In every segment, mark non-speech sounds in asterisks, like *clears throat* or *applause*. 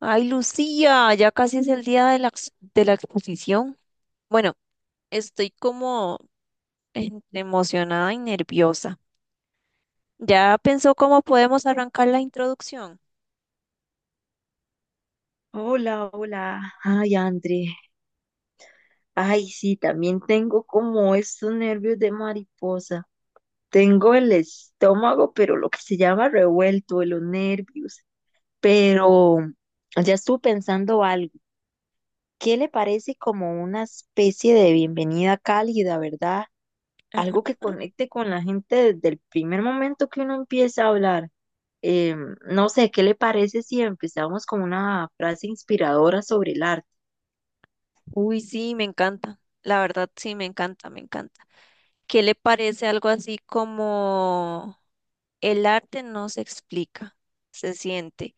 Ay, Lucía, ya casi es el día de de la exposición. Bueno, estoy como entre emocionada y nerviosa. ¿Ya pensó cómo podemos arrancar la introducción? Hola, hola. Ay, André. Ay, sí, también tengo como estos nervios de mariposa. Tengo el estómago, pero lo que se llama revuelto de los nervios. Pero ya estuve pensando algo. ¿Qué le parece como una especie de bienvenida cálida, verdad? Ajá. Algo que conecte con la gente desde el primer momento que uno empieza a hablar. No sé, ¿qué le parece si empezamos con una frase inspiradora sobre el arte? Uy, sí, me encanta. La verdad, sí, me encanta, me encanta. ¿Qué le parece algo así como el arte no se explica, se siente?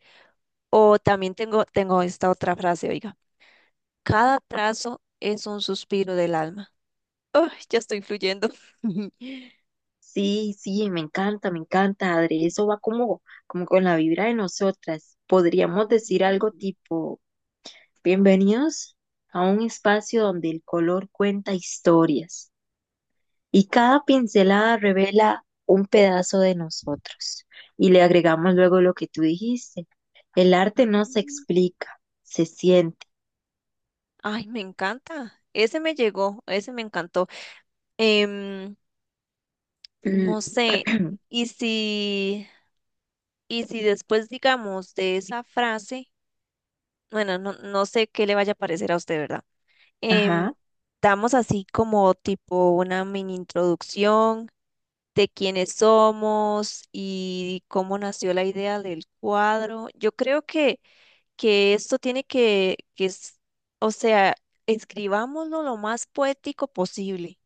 O también tengo esta otra frase, oiga, cada trazo es un suspiro del alma. Ay, ya estoy fluyendo. *laughs* Sí, sí, me encanta, Adri. Eso va como, como con la vibra de nosotras. Podríamos decir algo Mm. tipo, bienvenidos a un espacio donde el color cuenta historias y cada pincelada revela un pedazo de nosotros. Y le agregamos luego lo que tú dijiste. El arte no se Ah. explica, se siente. Ay, me encanta. Ese me llegó, ese me encantó. Em, Mm. no sé, *clears throat* y si, y si después, digamos, de esa frase, bueno, no, no sé qué le vaya a parecer a usted, ¿verdad? Em, Ajá. Damos así como tipo una mini introducción de quiénes somos y cómo nació la idea del cuadro. Yo creo que esto tiene que es, o sea, escribámoslo lo más poético posible.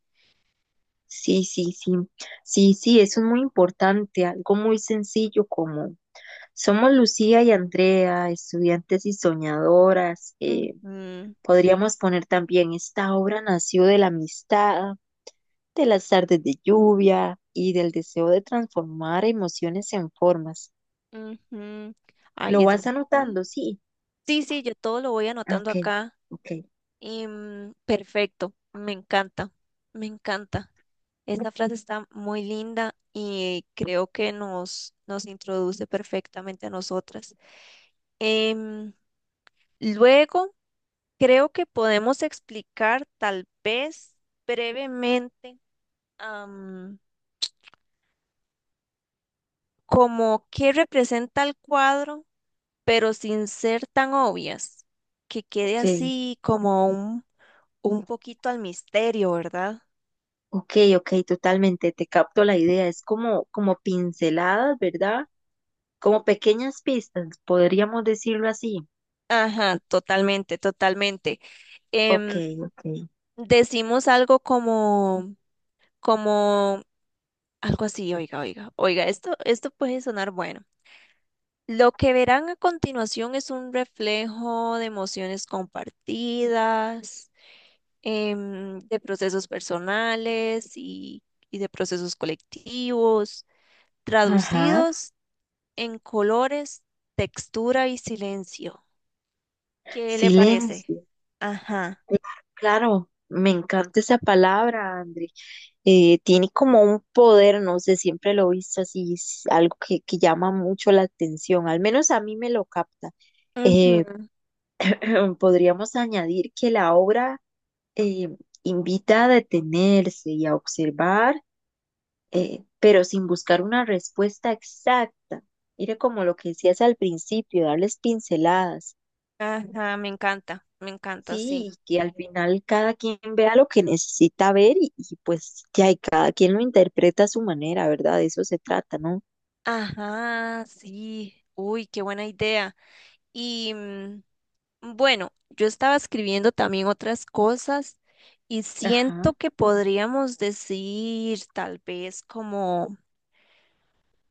Sí, sí, sí. Sí, sí, eso es muy importante, algo muy sencillo como: somos Lucía y Andrea, estudiantes y soñadoras. Ujú, Podríamos poner también, esta obra nació de la amistad, de las tardes de lluvia y del deseo de transformar emociones en formas. ujú. Ay, ¿Lo ese vas es- sí. anotando? Sí. Sí, sí, yo todo lo voy Ah, anotando ok, acá. ok, Y, mm, perfecto, me encanta, me encanta. Esa frase está muy linda y creo que nos introduce perfectamente a nosotras. Em, Luego, creo que podemos explicar tal vez brevemente, am, como qué representa el cuadro, pero sin ser tan obvias, que quede ok, así como un poquito al misterio, ¿verdad? ok, ok, totalmente. Te capto la idea. Es como, como pinceladas, ¿verdad? Como pequeñas pistas, podríamos decirlo así. Ajá, totalmente, totalmente. Ok, Em, ok. Decimos algo como, como, algo así, oiga, oiga, oiga, esto puede sonar bueno. Lo que verán a continuación es un reflejo de emociones compartidas, de procesos personales y de procesos colectivos, Ajá. traducidos en colores, textura y silencio. ¿Qué le parece? Silencio. Ajá. Claro, me encanta esa palabra, André. Tiene como un poder, no sé, siempre lo he visto así, es algo que llama mucho la atención, al menos a mí me lo capta. Eh, Ujú. *clears throat* Podríamos añadir que la obra eh, invita a detenerse y a observar, pero sin buscar una respuesta exacta. Mira como lo que decías al principio, darles pinceladas. Ajá, me encanta, sí. Sí, y que al final cada quien vea lo que necesita ver y pues ya, y cada quien lo interpreta a su manera, ¿verdad? De eso se trata, ¿no? Ajá, sí. Uy, qué buena idea. Y mm, bueno, yo estaba escribiendo también otras cosas y siento Ajá. que podríamos decir tal vez como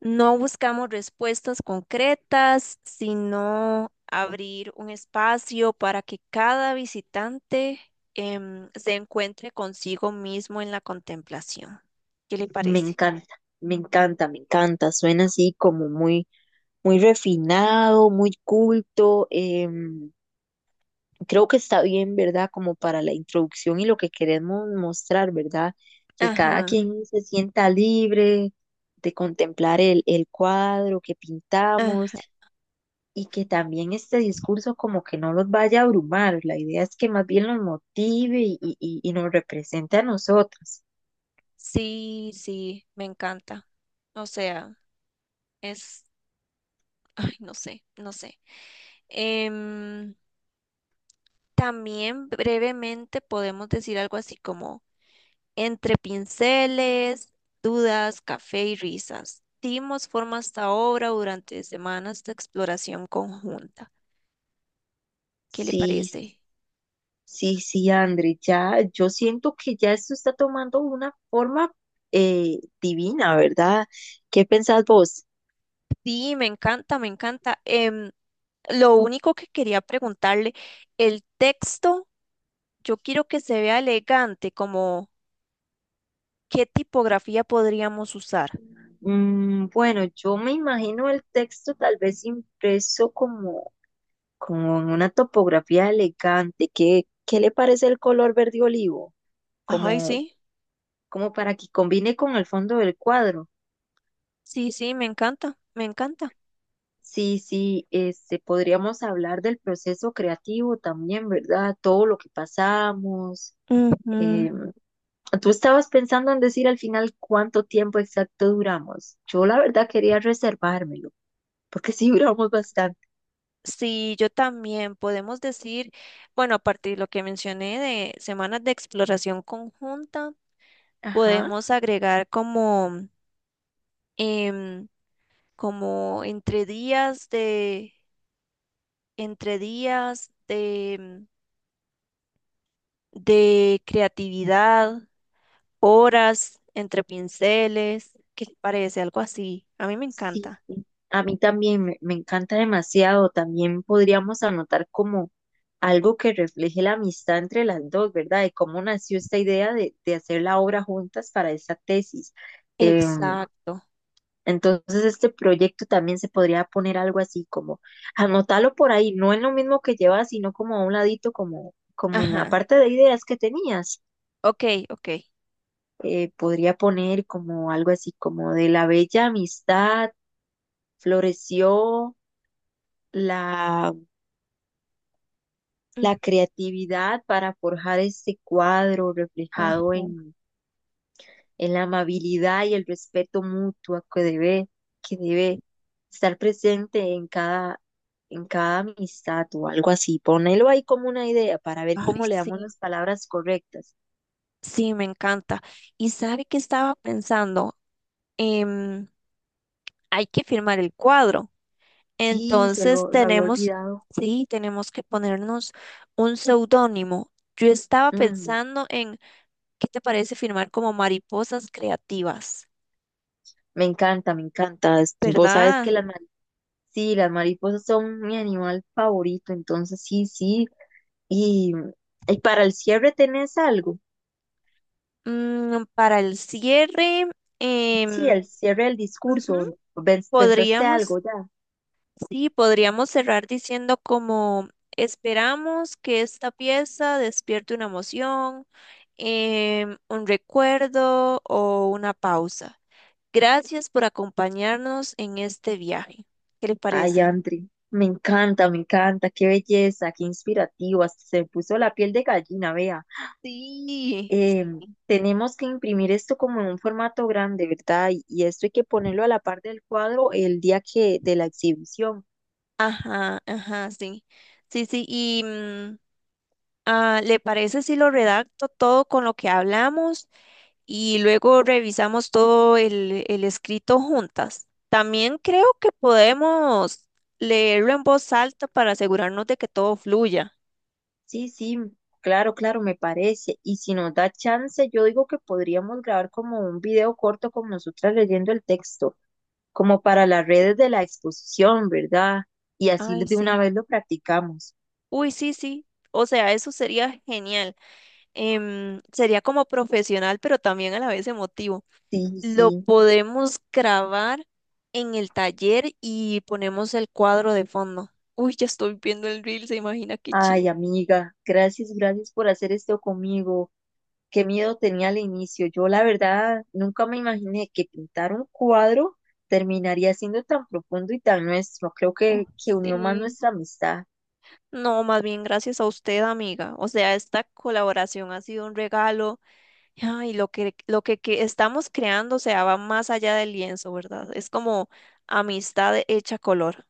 no buscamos respuestas concretas, sino abrir un espacio para que cada visitante, se encuentre consigo mismo en la contemplación. ¿Qué le Me parece? encanta, me encanta, me encanta. Suena así como muy, muy refinado, muy culto. Creo que está bien, ¿verdad? Como para la introducción y lo que queremos mostrar, ¿verdad? Que cada Ajá, quien se sienta libre de contemplar el cuadro que pintamos ah, y que también este discurso como que no los vaya a abrumar. La idea es que más bien los motive y nos represente a nosotras. sí, sí, me encanta. O sea, es, ay, no sé, no sé. Em, También brevemente podemos decir algo así como entre pinceles, dudas, café y risas. Dimos forma a esta obra durante semanas de exploración conjunta. ¿Qué le Sí, parece? sí, sí, André, ya yo siento que ya esto está tomando una forma divina, ¿verdad? ¿Qué pensás vos? Sí, me encanta, me encanta. Lo único que quería preguntarle, el texto, yo quiero que se vea elegante, como qué tipografía podríamos usar. Mm, bueno, yo me imagino el texto tal vez impreso como, como en una topografía elegante. ¿Qué le parece el color verde olivo? Ay, Como sí, como para que combine con el fondo del cuadro. sí, sí, me encanta, me encanta. Sí, sí, este, podríamos hablar del proceso creativo también, ¿verdad? Todo lo que pasamos. Ujú. Eh, Tú estabas pensando en decir al final cuánto tiempo exacto duramos. Yo la verdad quería reservármelo, porque sí *laughs* duramos bastante. Sí, yo también podemos decir, bueno, a partir de lo que mencioné de semanas de exploración conjunta, Ajá. podemos agregar como, em, como entre días de, de creatividad, horas entre pinceles, ¿qué te parece? Algo así. A mí me Sí, encanta. sí. A mí también me encanta demasiado. También podríamos anotar como algo que refleje la amistad entre las dos, ¿verdad? Y cómo nació esta idea de hacer la obra juntas para esta tesis. Em, Exacto. entonces, este proyecto también se podría poner algo así como anotarlo por ahí, no en lo mismo que llevas, sino como a un ladito, como, como en la Ajá. parte de ideas que tenías. Ok, ok. Podría poner como algo así como de la bella amistad floreció la, la creatividad para forjar este cuadro reflejado Ajá. En la amabilidad y el respeto mutuo que debe estar presente en cada amistad o algo así. Ponelo ahí como una idea para ver Ay, cómo le damos sí, las palabras correctas. sí, me encanta. Y sabe que estaba pensando, Em, hay que firmar el cuadro. Sí, Entonces lo había tenemos, olvidado. sí, tenemos que ponernos un seudónimo. Yo estaba Mm. pensando en, ¿qué te parece firmar como mariposas creativas? Me encanta, me encanta. Es- Vos sabes que ¿Verdad? las, mari- sí, las mariposas son mi animal favorito, entonces sí, sí. Y, y para el cierre tenés algo. Mm, para el cierre, Sí, em, el cierre del ujú, discurso. Ven- ¿Pensaste podríamos algo ya? sí, podríamos cerrar diciendo como esperamos que esta pieza despierte una emoción, un recuerdo o una pausa. Gracias por acompañarnos en este viaje. ¿Qué le Ay, parece? Andri, me encanta, me encanta. Qué belleza, qué inspirativo. Hasta se me puso la piel de gallina, vea. Sí, Tenemos que imprimir esto como en un formato grande, ¿verdad? Y esto hay que ponerlo a la par del cuadro el día que de la exhibición. ajá, ajá, sí. Sí, sí, ¿le parece si lo redacto todo con lo que hablamos? Y luego revisamos todo el escrito juntas. También creo que podemos leerlo en voz alta para asegurarnos de que todo fluya. Sí, sí, claro, claro, me parece. Y si nos da chance, yo digo que podríamos grabar como un video corto con nosotras leyendo el texto, como para las redes de la exposición, ¿verdad? Y así Ay, de una sí. vez lo practicamos. Uy, sí, sí. O sea, eso sería genial. Sería como profesional, pero también a la vez emotivo. Sí, Lo sí. podemos grabar en el taller y ponemos el cuadro de fondo. Uy, ya estoy viendo el reel, se imagina qué Ay, chido. amiga, gracias, gracias por hacer esto conmigo. Qué miedo tenía al inicio. Yo, la verdad, nunca me imaginé que pintar un cuadro terminaría siendo tan profundo y tan nuestro. Creo Oh, que unió más sí. nuestra amistad. No, más bien gracias a usted, amiga. O sea, esta colaboración ha sido un regalo. Ay, que estamos creando, o sea, va más allá del lienzo, ¿verdad? Es como amistad hecha color.